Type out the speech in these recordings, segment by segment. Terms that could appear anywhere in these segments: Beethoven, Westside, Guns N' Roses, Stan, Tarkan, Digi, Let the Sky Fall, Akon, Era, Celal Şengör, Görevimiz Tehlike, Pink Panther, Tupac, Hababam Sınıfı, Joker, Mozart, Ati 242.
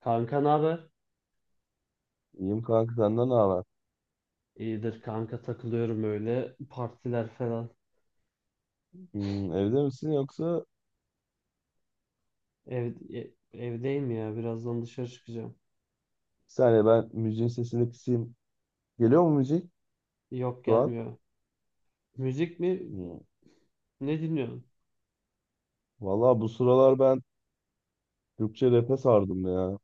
Kanka ne haber? İyiyim kanka, senden ne haber? İyidir kanka takılıyorum öyle. Partiler falan. Evde misin yoksa Ev, e- Evdeyim ya. Birazdan dışarı çıkacağım. bir saniye ben müziğin sesini kısayım. Geliyor mu müzik Yok şu an? gelmiyor. Müzik mi? Hmm. Ne dinliyorsun? Valla bu sıralar ben Türkçe rap'e sardım ya.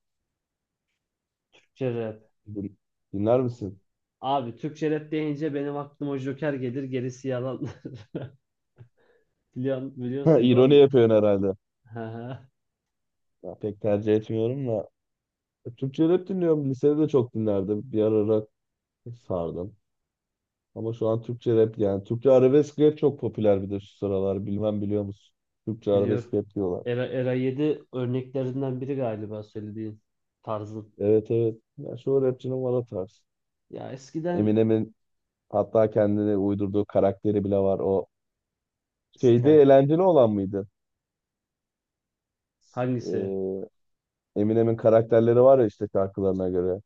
Türkçe rap. Din- Dinler misin? Abi Türkçe rap deyince benim aklıma Joker gelir, gerisi yalan. Biliyorsun, Ha, biliyorsun değil mi, İroni onu? yapıyorsun herhalde. Hı hı. Ya, pek tercih etmiyorum da. Türkçe rap dinliyorum. Lisede de çok dinlerdim. Bir ara rock sardım. Ama şu an Türkçe rap yani. Türkçe arabesk rap çok popüler bir de şu sıralar. Bilmem, biliyor musun? Türkçe arabesk Biliyorum. rap diyorlar. Era 7 örneklerinden biri galiba, söylediğin tarzın. Evet, evet. Ya şu rapçinin var, o tarz. Ya eskiden Eminem'in, hatta kendine uydurduğu karakteri bile var. O şeyde Stan. eğlenceli olan mıydı? Hangisi? Ee, Eminem'in karakterleri var ya işte şarkılarına göre.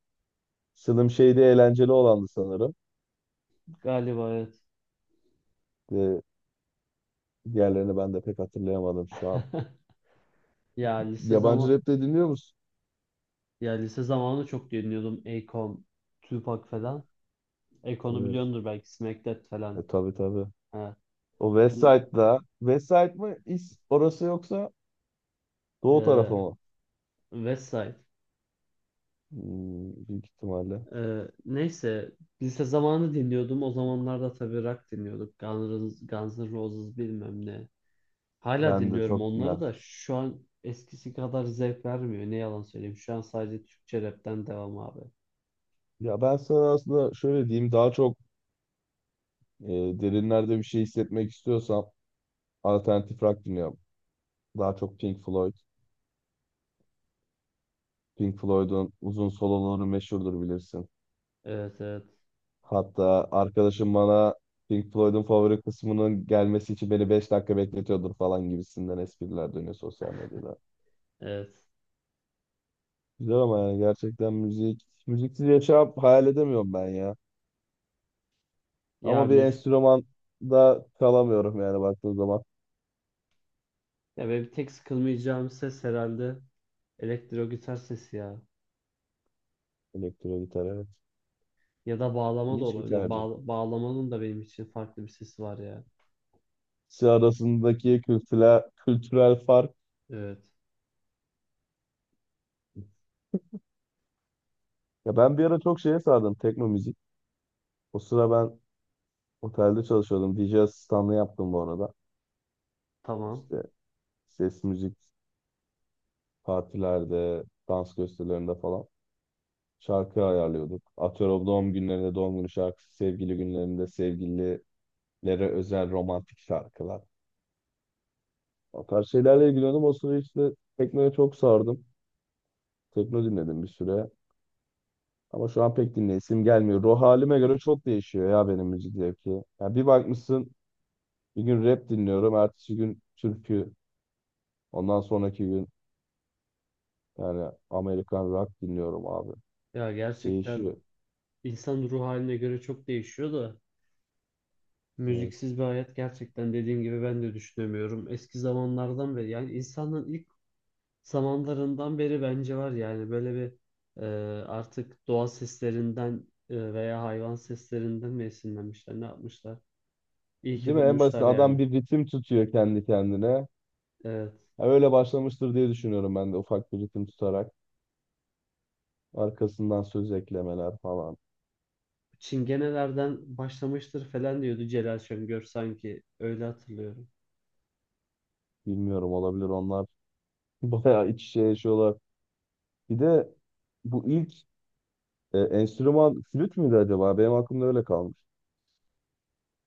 Slim şeyde eğlenceli olandı sanırım. Galiba evet. Ve diğerlerini ben de pek hatırlayamadım şu an. Ya lise Yabancı zaman rap de dinliyor musun? Ya lise zamanı çok dinliyordum. Akon, Tupac falan. Akon'u Evet. biliyordur belki. Smack That falan. Tabii, tabii. Ha. O West Side'da. West mı? Orası, yoksa doğu tarafı Eee mı? Westside. Hmm, büyük ihtimalle. Neyse. Lise zamanı dinliyordum. O zamanlarda tabii rock dinliyorduk. Guns N' Roses bilmem ne. Hala Ben de dinliyorum çok dinler. onları da şu an eskisi kadar zevk vermiyor. Ne yalan söyleyeyim. Şu an sadece Türkçe rapten devam abi. Ya ben sana aslında şöyle diyeyim. Daha çok e, derinlerde bir şey hissetmek istiyorsam alternatif rock dinliyorum. Daha çok Pink Floyd. Pink Floyd'un uzun soloları meşhurdur, bilirsin. Evet, evet. Hatta arkadaşım bana Pink Floyd'un favori kısmının gelmesi için beni 5 dakika bekletiyordur falan gibisinden espriler dönüyor sosyal medyada. Evet. Güzel, ama yani gerçekten müzik, müziksiz yaşam hayal edemiyorum ben ya. Ya Ama bir müzik. enstrüman da kalamıyorum yani baktığın zaman. Ya benim tek sıkılmayacağım ses herhalde elektro gitar sesi ya. Elektro gitar, evet. Ya da bağlama da İlginç bir olabilir. tercih. Bağlamanın da benim için farklı bir sesi var ya. İkisi arasındaki kültürel fark. Evet. Ya ben bir ara çok şeye sardım, tekno müzik. O sıra ben otelde çalışıyordum. DJ asistanlığı yaptım bu arada. Tamam. İşte ses, müzik, partilerde, dans gösterilerinde falan şarkı ayarlıyorduk. Atıyorum, doğum günlerinde doğum günü şarkısı, sevgili günlerinde sevgililere özel romantik şarkılar. O tarz şeylerle ilgileniyordum. O sıra işte teknoya çok sardım. Tekno dinledim bir süre. Ama şu an pek dinleyesim gelmiyor. Ruh halime göre çok değişiyor ya benim müzik zevki. Ya bir bakmışsın bir gün rap dinliyorum. Ertesi gün türkü. Ondan sonraki gün yani Amerikan rock dinliyorum abi. Ya gerçekten Değişiyor. insan ruh haline göre çok değişiyor da Evet. müziksiz bir hayat gerçekten, dediğim gibi, ben de düşünemiyorum. Eski zamanlardan beri yani insanın ilk zamanlarından beri bence var yani böyle bir e, artık doğa seslerinden veya hayvan seslerinden mi esinlenmişler, ne yapmışlar? İyi ki Değil mi? En basit bulmuşlar adam yani. bir ritim tutuyor kendi kendine. Evet. Ha, Öyle başlamıştır diye düşünüyorum ben de, ufak bir ritim tutarak. Arkasından söz eklemeler falan. Çingenelerden başlamıştır falan diyordu Celal Şengör sanki. Öyle hatırlıyorum. Bilmiyorum, olabilir onlar. Bayağı iç içe yaşıyorlar. Bir de bu ilk enstrüman flüt müydü acaba? Benim aklımda öyle kalmış.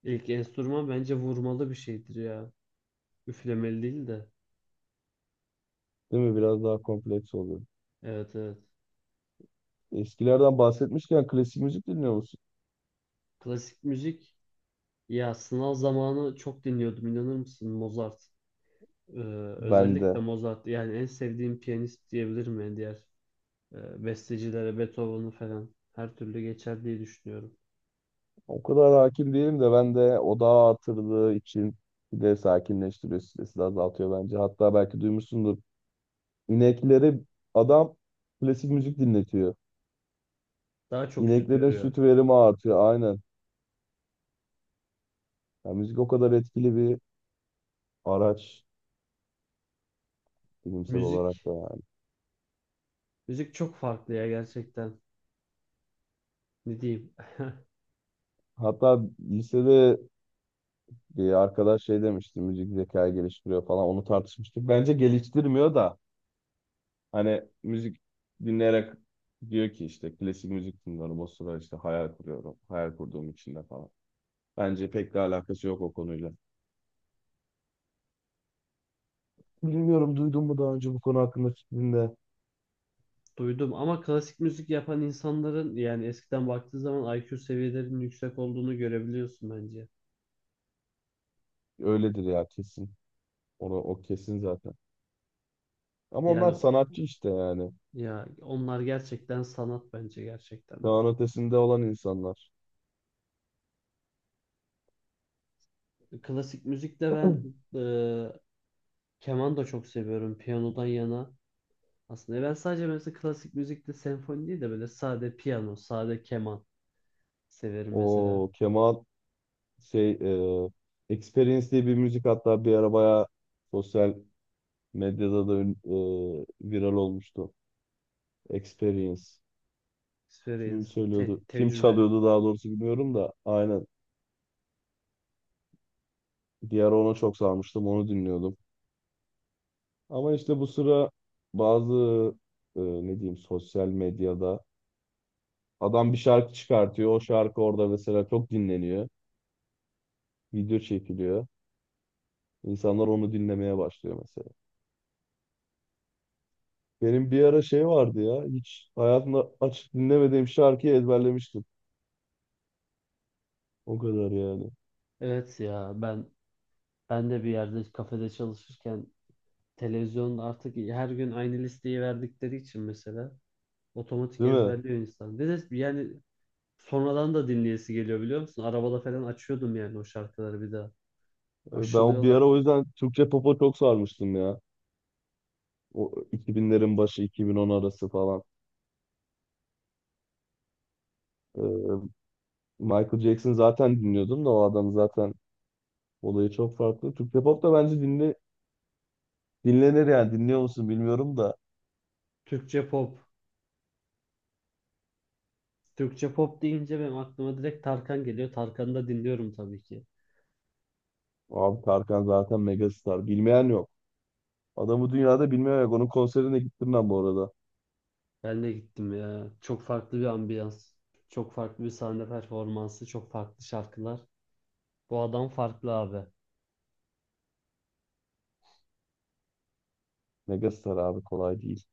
İlk enstrüman bence vurmalı bir şeydir ya. Üflemeli değil de. Değil mi? Biraz daha kompleks oluyor. Evet, evet. Eskilerden bahsetmişken klasik müzik dinliyor musun? Klasik müzik ya sınav zamanı çok dinliyordum, inanır mısın, Mozart. Ee, Ben de. özellikle Mozart, yani en sevdiğim piyanist diyebilirim yani diğer bestecilere, Beethoven'ı falan her türlü geçer diye düşünüyorum. O kadar hakim değilim de, ben de odağı artırdığı için, bir de sakinleştiriyor, stresi de azaltıyor bence. Hatta belki duymuşsundur. İnekleri adam klasik müzik dinletiyor. Daha çok İneklerin süpürüyor. süt verimi artıyor aynen. Yani müzik o kadar etkili bir araç, bilimsel olarak Müzik da yani. müzik çok farklı ya gerçekten. Ne diyeyim? Hatta lisede bir arkadaş şey demişti, müzik zekayı geliştiriyor falan, onu tartışmıştık. Bence geliştirmiyor da, hani müzik dinleyerek diyor ki işte klasik müzik dinliyorum. O sıra işte hayal kuruyorum. Hayal kurduğum içinde falan. Bence pek de alakası yok o konuyla. Bilmiyorum, duydun mu daha önce bu konu hakkında fikrinde. Duydum ama klasik müzik yapan insanların yani eskiden baktığı zaman IQ seviyelerinin yüksek olduğunu görebiliyorsun bence. Öyledir ya, kesin. O kesin zaten. Ama Yani onlar o- sanatçı işte yani. ya onlar gerçekten sanat bence, gerçekten de. Çağın ötesinde olan insanlar. Klasik müzikte ben e, keman da çok seviyorum piyanodan yana. Aslında ben sadece mesela klasik müzikte senfoni değil de böyle sade piyano, sade keman severim mesela. O Kemal şey e, Experience diye bir müzik, hatta bir ara bayağı sosyal medyada da viral olmuştu. Experience. Experience, Kim söylüyordu? Kim tecrübe. çalıyordu daha doğrusu bilmiyorum da. Aynen. Bir ara ona çok sarmıştım. Onu dinliyordum. Ama işte bu sıra bazı ne diyeyim, sosyal medyada adam bir şarkı çıkartıyor. O şarkı orada mesela çok dinleniyor. Video çekiliyor. İnsanlar onu dinlemeye başlıyor mesela. Benim bir ara şey vardı ya. Hiç hayatımda açıp dinlemediğim şarkıyı ezberlemiştim. O kadar yani. Evet ya, ben de bir yerde kafede çalışırken televizyonda artık her gün aynı listeyi verdikleri için mesela otomatik Değil mi? ezberliyor insan. Ve de yani sonradan da dinleyesi geliyor, biliyor musun? Arabada falan açıyordum yani o şarkıları bir daha. Ben bir Aşılıyorlar. ara o yüzden Türkçe pop'a çok sarmıştım ya. O 2000'lerin başı 2010 arası falan. Ee, Michael Jackson zaten dinliyordum da, o adam zaten olayı çok farklı. Türkçe pop da bence dinlenir yani, dinliyor musun bilmiyorum da. Türkçe pop. Türkçe pop deyince benim aklıma direkt Tarkan geliyor. Tarkan'ı da dinliyorum tabii ki. Abi Tarkan zaten megastar. Bilmeyen yok. Adamı dünyada bilmeyen yok. Onun konserine gittim ben bu arada. Ben de gittim ya. Çok farklı bir ambiyans. Çok farklı bir sahne performansı. Çok farklı şarkılar. Bu adam farklı abi. Megastar abi, kolay değil.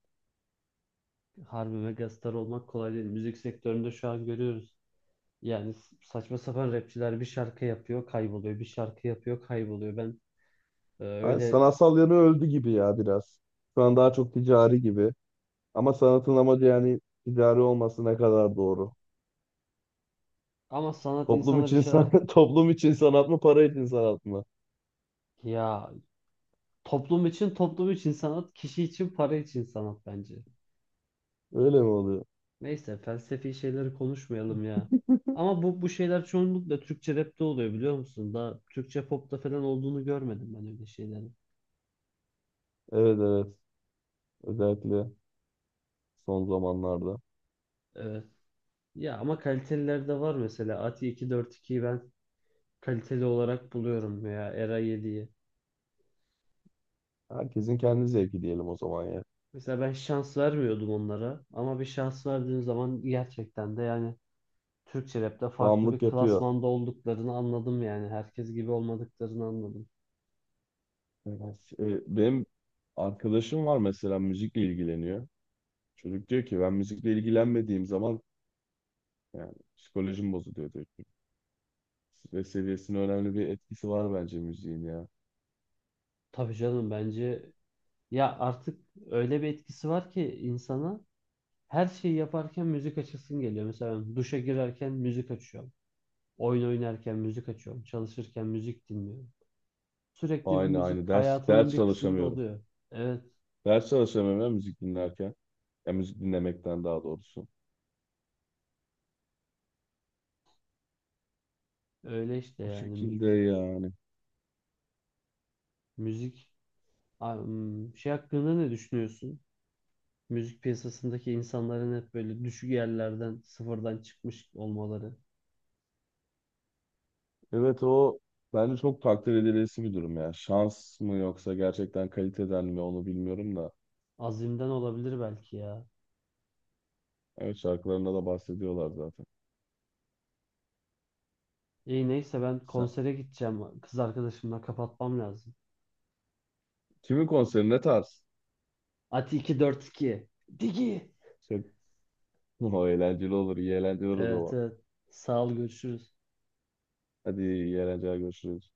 Harbi megastar olmak kolay değil. Müzik sektöründe şu an görüyoruz. Yani saçma sapan rapçiler bir şarkı yapıyor, kayboluyor. Bir şarkı yapıyor, kayboluyor. Ben Hani öyle sanatsal yanı öldü gibi ya, biraz. Şu an daha çok ticari gibi. Ama sanatın amacı yani ticari olması ne kadar doğru. ama sanat Toplum insana bir için şeyler, toplum için sanat mı, para için sanat mı? ya toplum için sanat, kişi için para için sanat bence. Öyle mi oluyor? Neyse, felsefi şeyleri konuşmayalım ya. Ama bu şeyler çoğunlukla Türkçe rap'te oluyor, biliyor musun? Daha Türkçe pop'ta falan olduğunu görmedim ben öyle şeylerin. Evet, evet. Özellikle son zamanlarda. Evet. Ya ama kaliteliler de var mesela. Ati 242'yi ben kaliteli olarak buluyorum veya Era 7'yi. Herkesin kendi zevki diyelim o zaman ya. Mesela ben şans vermiyordum onlara ama bir şans verdiğim zaman gerçekten de yani Türkçe rapte farklı Bağımlılık bir yapıyor. klasmanda olduklarını anladım, yani herkes gibi olmadıklarını anladım. Evet. Benim arkadaşım var mesela, müzikle ilgileniyor. Çocuk diyor ki ben müzikle ilgilenmediğim zaman yani psikolojim bozuluyor diyor. Stres seviyesine önemli bir etkisi var bence müziğin ya. Tabii canım, bence ya artık öyle bir etkisi var ki insana her şeyi yaparken müzik açasın geliyor. Mesela ben duşa girerken müzik açıyorum. Oyun oynarken müzik açıyorum. Çalışırken müzik dinliyorum. Sürekli bir Aynı müzik aynı ders hayatımın ders bir kısmında çalışamıyorum. oluyor. Evet, Ders çalışamıyorum ya müzik dinlerken. Ya müzik dinlemekten daha doğrusu. öyle işte O yani şekilde yani. müzik. Şey hakkında ne düşünüyorsun? Müzik piyasasındaki insanların hep böyle düşük yerlerden, sıfırdan çıkmış olmaları. Evet, o bence çok takdir edilesi bir durum ya. Şans mı yoksa gerçekten kaliteden mi, onu bilmiyorum da. Azimden olabilir belki ya. Evet, şarkılarında da bahsediyorlar zaten. İyi, neyse, ben Sen, konsere gideceğim. Kız arkadaşımla kapatmam lazım. kimin konseri, ne tarz? Ati 242. Digi. Şey, o eğlenceli olur. iyi eğlenceler o Evet, zaman. evet. Sağ ol, görüşürüz. Hadi, iyi eğlenceler, görüşürüz.